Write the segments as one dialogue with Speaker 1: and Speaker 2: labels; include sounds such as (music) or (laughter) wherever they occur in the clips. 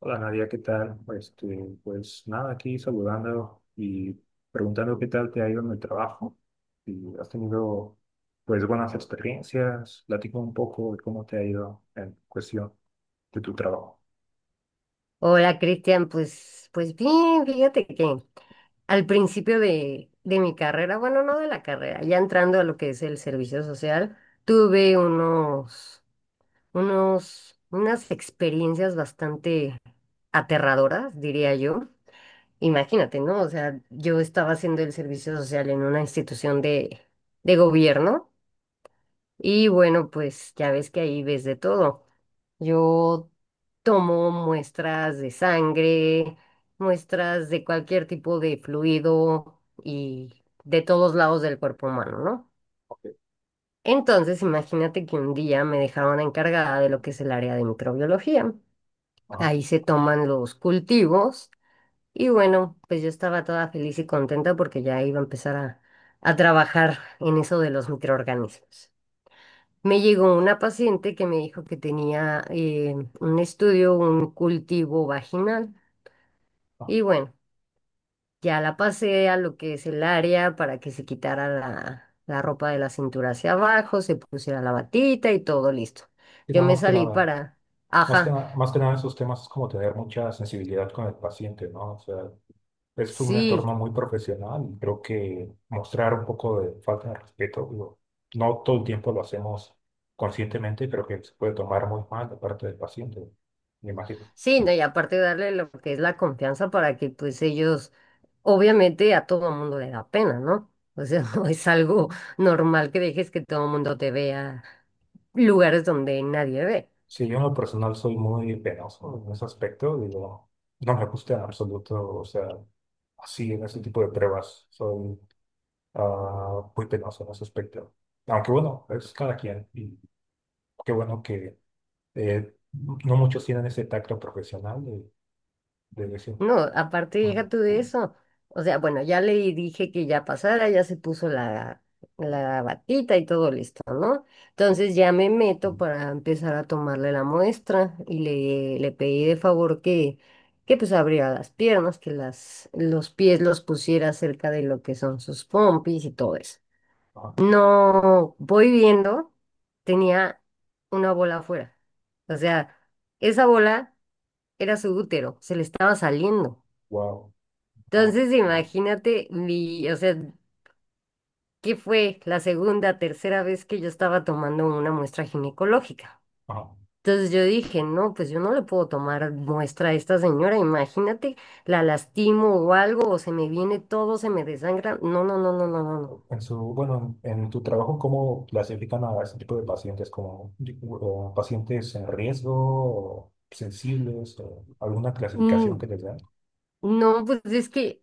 Speaker 1: Hola Nadia, ¿qué tal? Pues nada, aquí saludando y preguntando qué tal te ha ido en el trabajo. Si has tenido pues buenas experiencias, platica un poco de cómo te ha ido en cuestión de tu trabajo.
Speaker 2: Hola Cristian, pues, pues bien, fíjate que al principio de mi carrera, bueno, no de la carrera, ya entrando a lo que es el servicio social, tuve unos, unas experiencias bastante aterradoras, diría yo. Imagínate, ¿no? O sea, yo estaba haciendo el servicio social en una institución de gobierno. Y bueno, pues ya ves que ahí ves de todo. Yo tomo muestras de sangre, muestras de cualquier tipo de fluido y de todos lados del cuerpo humano, ¿no?
Speaker 1: Ok.
Speaker 2: Entonces, imagínate que un día me dejaron encargada de lo que es el área de microbiología.
Speaker 1: Ajá.
Speaker 2: Ahí se toman los cultivos y bueno, pues yo estaba toda feliz y contenta porque ya iba a empezar a trabajar en eso de los microorganismos. Me llegó una paciente que me dijo que tenía un estudio, un cultivo vaginal.
Speaker 1: Ajá.
Speaker 2: Y bueno, ya la pasé a lo que es el área para que se quitara la ropa de la cintura hacia abajo, se pusiera la batita y todo listo.
Speaker 1: Sí,
Speaker 2: Yo
Speaker 1: no,
Speaker 2: me
Speaker 1: más que
Speaker 2: salí
Speaker 1: nada,
Speaker 2: para, ajá,
Speaker 1: más que nada esos temas es como tener mucha sensibilidad con el paciente, ¿no? O sea, es un
Speaker 2: sí,
Speaker 1: entorno muy profesional y creo que mostrar un poco de falta de respeto, digo, no todo el tiempo lo hacemos conscientemente, creo que se puede tomar muy mal de parte del paciente, me imagino.
Speaker 2: sí, no, y aparte darle lo que es la confianza para que pues ellos, obviamente a todo mundo le da pena, ¿no? O sea, (laughs) no es algo normal que dejes que todo el mundo te vea lugares donde nadie ve.
Speaker 1: Sí, yo en lo personal soy muy penoso en ese aspecto, digo, no me gusta en absoluto, o sea, así en ese tipo de pruebas, soy muy penoso en ese aspecto. Aunque bueno, es cada quien y qué bueno que no muchos tienen ese tacto profesional de decir.
Speaker 2: No, aparte deja tú de
Speaker 1: "Mm".
Speaker 2: eso. O sea, bueno, ya le dije que ya pasara, ya se puso la batita y todo listo, ¿no? Entonces ya me meto para empezar a tomarle la muestra y le pedí de favor que pues abriera las piernas, que las, los pies los pusiera cerca de lo que son sus pompis y todo eso.
Speaker 1: Ajá.
Speaker 2: No, voy viendo, tenía una bola afuera. O sea, esa bola era su útero, se le estaba saliendo.
Speaker 1: Wow. Ah,
Speaker 2: Entonces,
Speaker 1: ah,
Speaker 2: imagínate mi, o sea, ¿qué fue la segunda, tercera vez que yo estaba tomando una muestra ginecológica?
Speaker 1: ajá.
Speaker 2: Entonces yo dije, no, pues yo no le puedo tomar muestra a esta señora, imagínate, la lastimo o algo, o se me viene todo, se me desangra. No, no, no, no, no, no, no.
Speaker 1: En su, bueno, En tu trabajo, ¿cómo clasifican a ese tipo de pacientes? ¿Como di- o pacientes en riesgo o sensibles o alguna clasificación
Speaker 2: Mm,
Speaker 1: que les dan?
Speaker 2: no, pues es que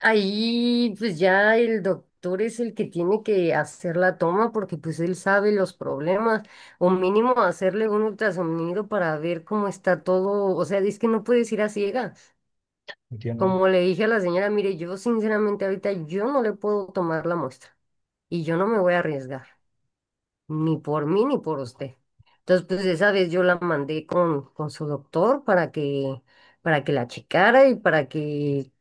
Speaker 2: ahí pues ya el doctor es el que tiene que hacer la toma porque pues él sabe los problemas o mínimo hacerle un ultrasonido para ver cómo está todo, o sea, es que no puedes ir a ciegas.
Speaker 1: Entiendo.
Speaker 2: Como le dije a la señora, mire, yo sinceramente ahorita yo no le puedo tomar la muestra y yo no me voy a arriesgar, ni por mí ni por usted. Entonces pues esa vez yo la mandé con su doctor para que la checara y para que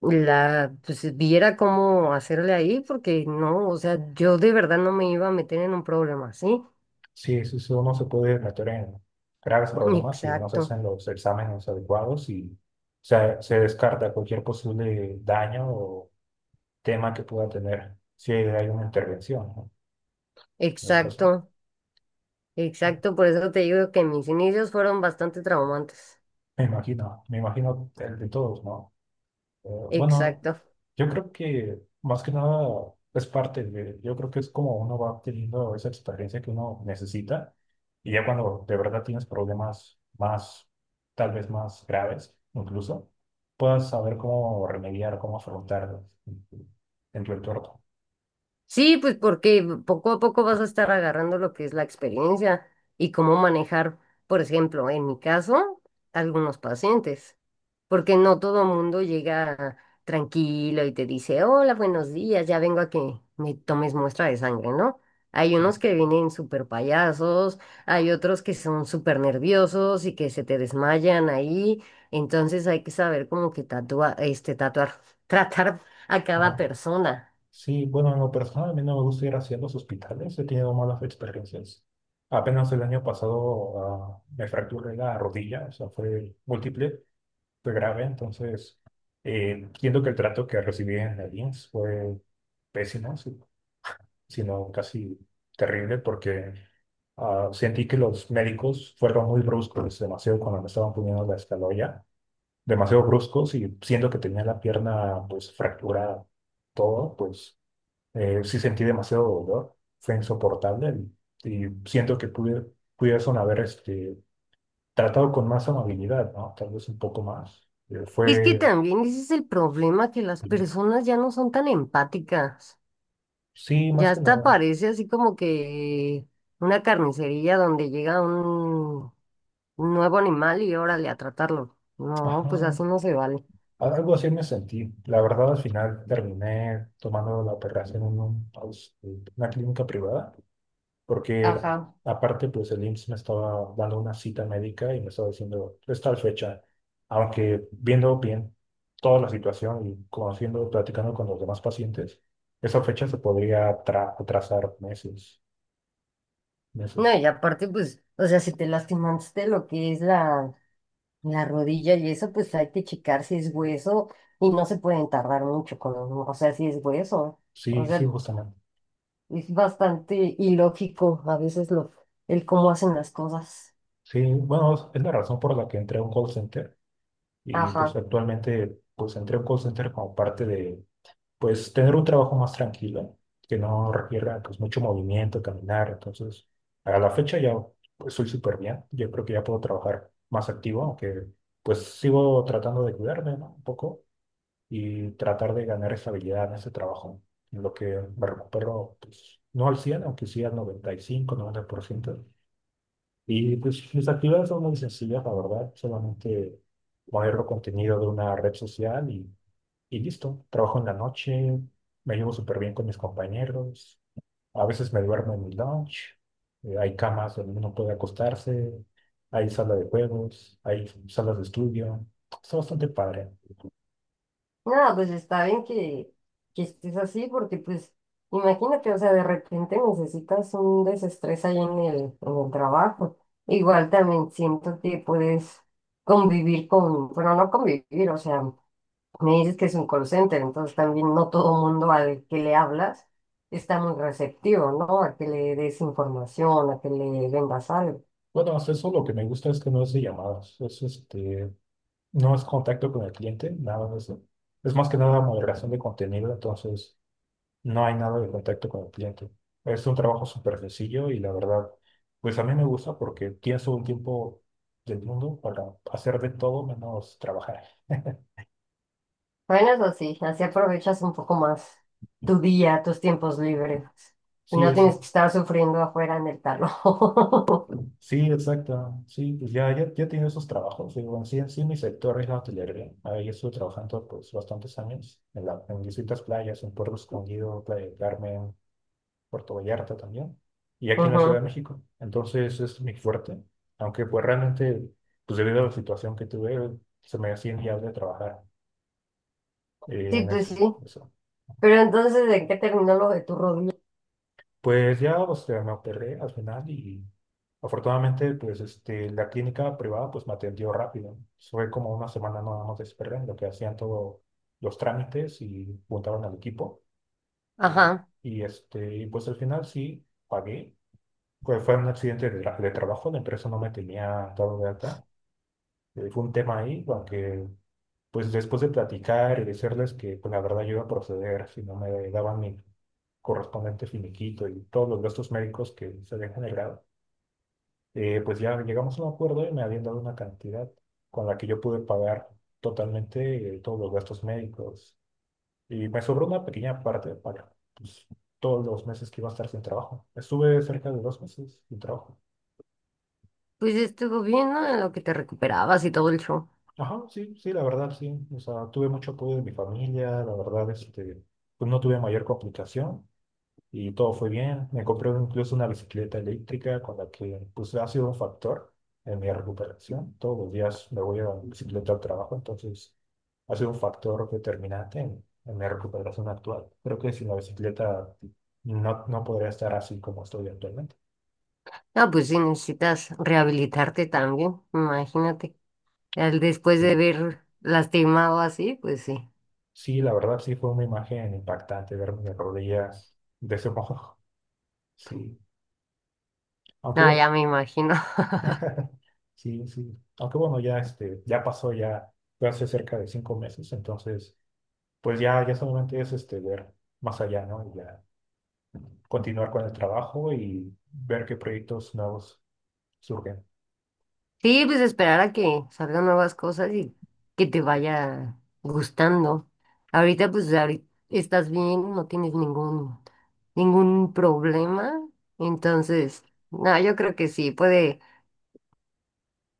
Speaker 2: la, pues viera cómo hacerle ahí, porque no, o sea, yo de verdad no me iba a meter en un problema, ¿sí?
Speaker 1: Sí, eso no se puede meter en graves problemas si no se
Speaker 2: Exacto,
Speaker 1: hacen los exámenes adecuados y se descarta cualquier posible daño o tema que pueda tener si hay una intervención, ¿no? En el caso.
Speaker 2: exacto, exacto, por eso te digo que mis inicios fueron bastante traumantes.
Speaker 1: Me imagino el de todos, ¿no? Bueno,
Speaker 2: Exacto.
Speaker 1: yo creo que más que nada es parte de, yo creo que es como uno va obteniendo esa experiencia que uno necesita y ya cuando de verdad tienes problemas más, tal vez más graves incluso, puedas saber cómo remediar, cómo afrontarlos en tu entorno.
Speaker 2: Sí, pues porque poco a poco vas a estar agarrando lo que es la experiencia y cómo manejar, por ejemplo, en mi caso, algunos pacientes, porque no todo mundo llega tranquilo y te dice, hola, buenos días, ya vengo a que me tomes muestra de sangre, ¿no? Hay
Speaker 1: Sí.
Speaker 2: unos que vienen súper payasos, hay otros que son súper nerviosos y que se te desmayan ahí, entonces hay que saber como que (laughs) tratar a cada
Speaker 1: Ajá.
Speaker 2: persona.
Speaker 1: Sí, bueno, en lo personal a mí no me gusta ir hacia los hospitales, he tenido malas experiencias. Apenas el año pasado me fracturé la rodilla, o sea, fue múltiple. Fue grave, entonces entiendo que el trato que recibí en la INS fue pésimo, sino casi terrible, porque sentí que los médicos fueron muy bruscos, demasiado cuando me estaban poniendo la escaloya, demasiado bruscos y siendo que tenía la pierna pues fracturada, todo, pues sí sentí demasiado dolor, fue insoportable y siento que pudiesen haber tratado con más amabilidad, ¿no? Tal vez un poco más.
Speaker 2: Es que
Speaker 1: Fue.
Speaker 2: también ese es el problema, que las personas ya no son tan empáticas.
Speaker 1: Sí, más
Speaker 2: Ya
Speaker 1: que
Speaker 2: hasta
Speaker 1: nada.
Speaker 2: parece así como que una carnicería donde llega un nuevo animal y órale a tratarlo. No, pues
Speaker 1: Ajá.
Speaker 2: así no se vale.
Speaker 1: Algo así me sentí. La verdad, al final terminé tomando la operación una clínica privada, porque
Speaker 2: Ajá.
Speaker 1: aparte, pues el IMSS me estaba dando una cita médica y me estaba diciendo, es tal fecha. Aunque viendo bien toda la situación y conociendo, platicando con los demás pacientes, esa fecha se podría atrasar meses,
Speaker 2: No,
Speaker 1: meses.
Speaker 2: y aparte, pues, o sea, si te lastimaste lo que es la rodilla y eso, pues hay que checar si es hueso y no se pueden tardar mucho con, o sea, si es hueso. O
Speaker 1: Sí, sí,
Speaker 2: sea,
Speaker 1: justamente.
Speaker 2: es bastante ilógico a veces lo, el cómo hacen las cosas.
Speaker 1: Sí, bueno, es la razón por la que entré a un call center. Y pues
Speaker 2: Ajá.
Speaker 1: actualmente pues entré a un call center como parte de pues tener un trabajo más tranquilo, que no requiera pues mucho movimiento, caminar. Entonces, a la fecha ya pues soy súper bien. Yo creo que ya puedo trabajar más activo, aunque pues sigo tratando de cuidarme, ¿no? Un poco y tratar de ganar estabilidad en ese trabajo, en lo que me recupero pues no al 100 aunque sí al 95, 90% y pues mis actividades son muy sencillas, la verdad. Solamente mover el contenido de una red social y listo. Trabajo en la noche, me llevo súper bien con mis compañeros. A veces me duermo en mi lounge. Hay camas donde uno puede acostarse. Hay sala de juegos, hay salas de estudio. Está bastante padre.
Speaker 2: Nada, pues está bien que estés así porque pues imagínate, o sea, de repente necesitas un desestrés ahí en en el trabajo. Igual también siento que puedes convivir con, bueno, no convivir, o sea, me dices que es un call center, entonces también no todo mundo al que le hablas está muy receptivo, ¿no? A que le des información, a que le vendas algo.
Speaker 1: Bueno, hasta eso lo que me gusta es que no es de llamadas. Es no es contacto con el cliente, nada de eso. Es más que nada moderación de contenido, entonces. No hay nada de contacto con el cliente. Es un trabajo súper sencillo y la verdad, pues a mí me gusta porque tienes un tiempo del mundo para hacer de todo menos trabajar.
Speaker 2: Bueno, eso sí, así aprovechas un poco más tu día, tus tiempos libres y
Speaker 1: Sí,
Speaker 2: no
Speaker 1: eso.
Speaker 2: tienes que estar sufriendo afuera en el tarro. (laughs)
Speaker 1: Sí, exacto. Sí, pues ya he tenido esos trabajos. Digo, en sí, mi sector es la hotelería. Ahí estuve trabajando pues bastantes años en distintas playas, en Puerto Escondido, Playa del Carmen, Puerto Vallarta también, y aquí en la Ciudad de
Speaker 2: Ujú.
Speaker 1: México. Entonces es mi fuerte, aunque pues realmente, pues debido a la situación que tuve, se me hacían días de trabajar
Speaker 2: Sí,
Speaker 1: en
Speaker 2: pues sí.
Speaker 1: eso.
Speaker 2: Pero entonces, ¿de qué terminó lo de tu rodilla?
Speaker 1: Pues ya, o sea, me operé al final y afortunadamente, pues la clínica privada pues me atendió rápido. Fue como una semana nada más de espera en lo que hacían todos los trámites y juntaron al equipo. eh,
Speaker 2: Ajá,
Speaker 1: pues al final sí pagué. Pues fue un accidente de trabajo, la empresa no me tenía dado de alta. Fue un tema ahí, aunque pues después de platicar y decirles que pues, la verdad yo iba a proceder si no me daban mi correspondiente finiquito y todos los gastos médicos que se habían generado, pues ya llegamos a un acuerdo y me habían dado una cantidad con la que yo pude pagar totalmente todos los gastos médicos. Y me sobró una pequeña parte para pues, todos los meses que iba a estar sin trabajo. Estuve cerca de 2 meses sin trabajo.
Speaker 2: pues estuvo bien, ¿no? En lo que te recuperabas y todo el show.
Speaker 1: Ajá, sí, sí, la verdad, sí. O sea, tuve mucho apoyo de mi familia, la verdad, pues no tuve mayor complicación y todo fue bien. Me compré incluso una bicicleta eléctrica con la que, pues, ha sido un factor en mi recuperación. Todos los días me voy a bicicleta al trabajo, entonces ha sido un factor determinante en mi recuperación actual. Creo que sin la bicicleta no podría estar así como estoy actualmente.
Speaker 2: Ah, pues sí, necesitas rehabilitarte también, imagínate. Al- Después de
Speaker 1: Pero
Speaker 2: ver lastimado así, pues sí.
Speaker 1: sí, la verdad, sí fue una imagen impactante ver mi rodilla de ese modo. (laughs) Sí. Aunque
Speaker 2: No, ya
Speaker 1: bueno,
Speaker 2: me imagino.
Speaker 1: (laughs) sí, sí. Aunque bueno, ya, ya pasó, ya fue hace cerca de 5 meses, entonces, pues ya, ya solamente es ver más allá, ¿no? Y ya continuar con el trabajo y ver qué proyectos nuevos surgen.
Speaker 2: Sí, pues esperar a que salgan nuevas cosas y que te vaya gustando. Ahorita, pues ahorita estás bien, no tienes ningún, ningún problema. Entonces, no, yo creo que sí, puede,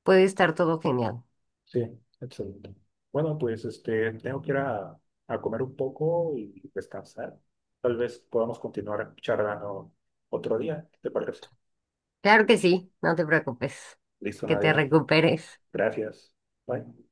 Speaker 2: puede estar todo genial.
Speaker 1: Sí, excelente. Bueno, pues tengo que a comer un poco y descansar. Tal vez podamos continuar charlando otro día. ¿Qué te parece?
Speaker 2: Claro que sí, no te preocupes,
Speaker 1: Listo,
Speaker 2: que te
Speaker 1: Nadia.
Speaker 2: recuperes.
Speaker 1: Gracias. Bye.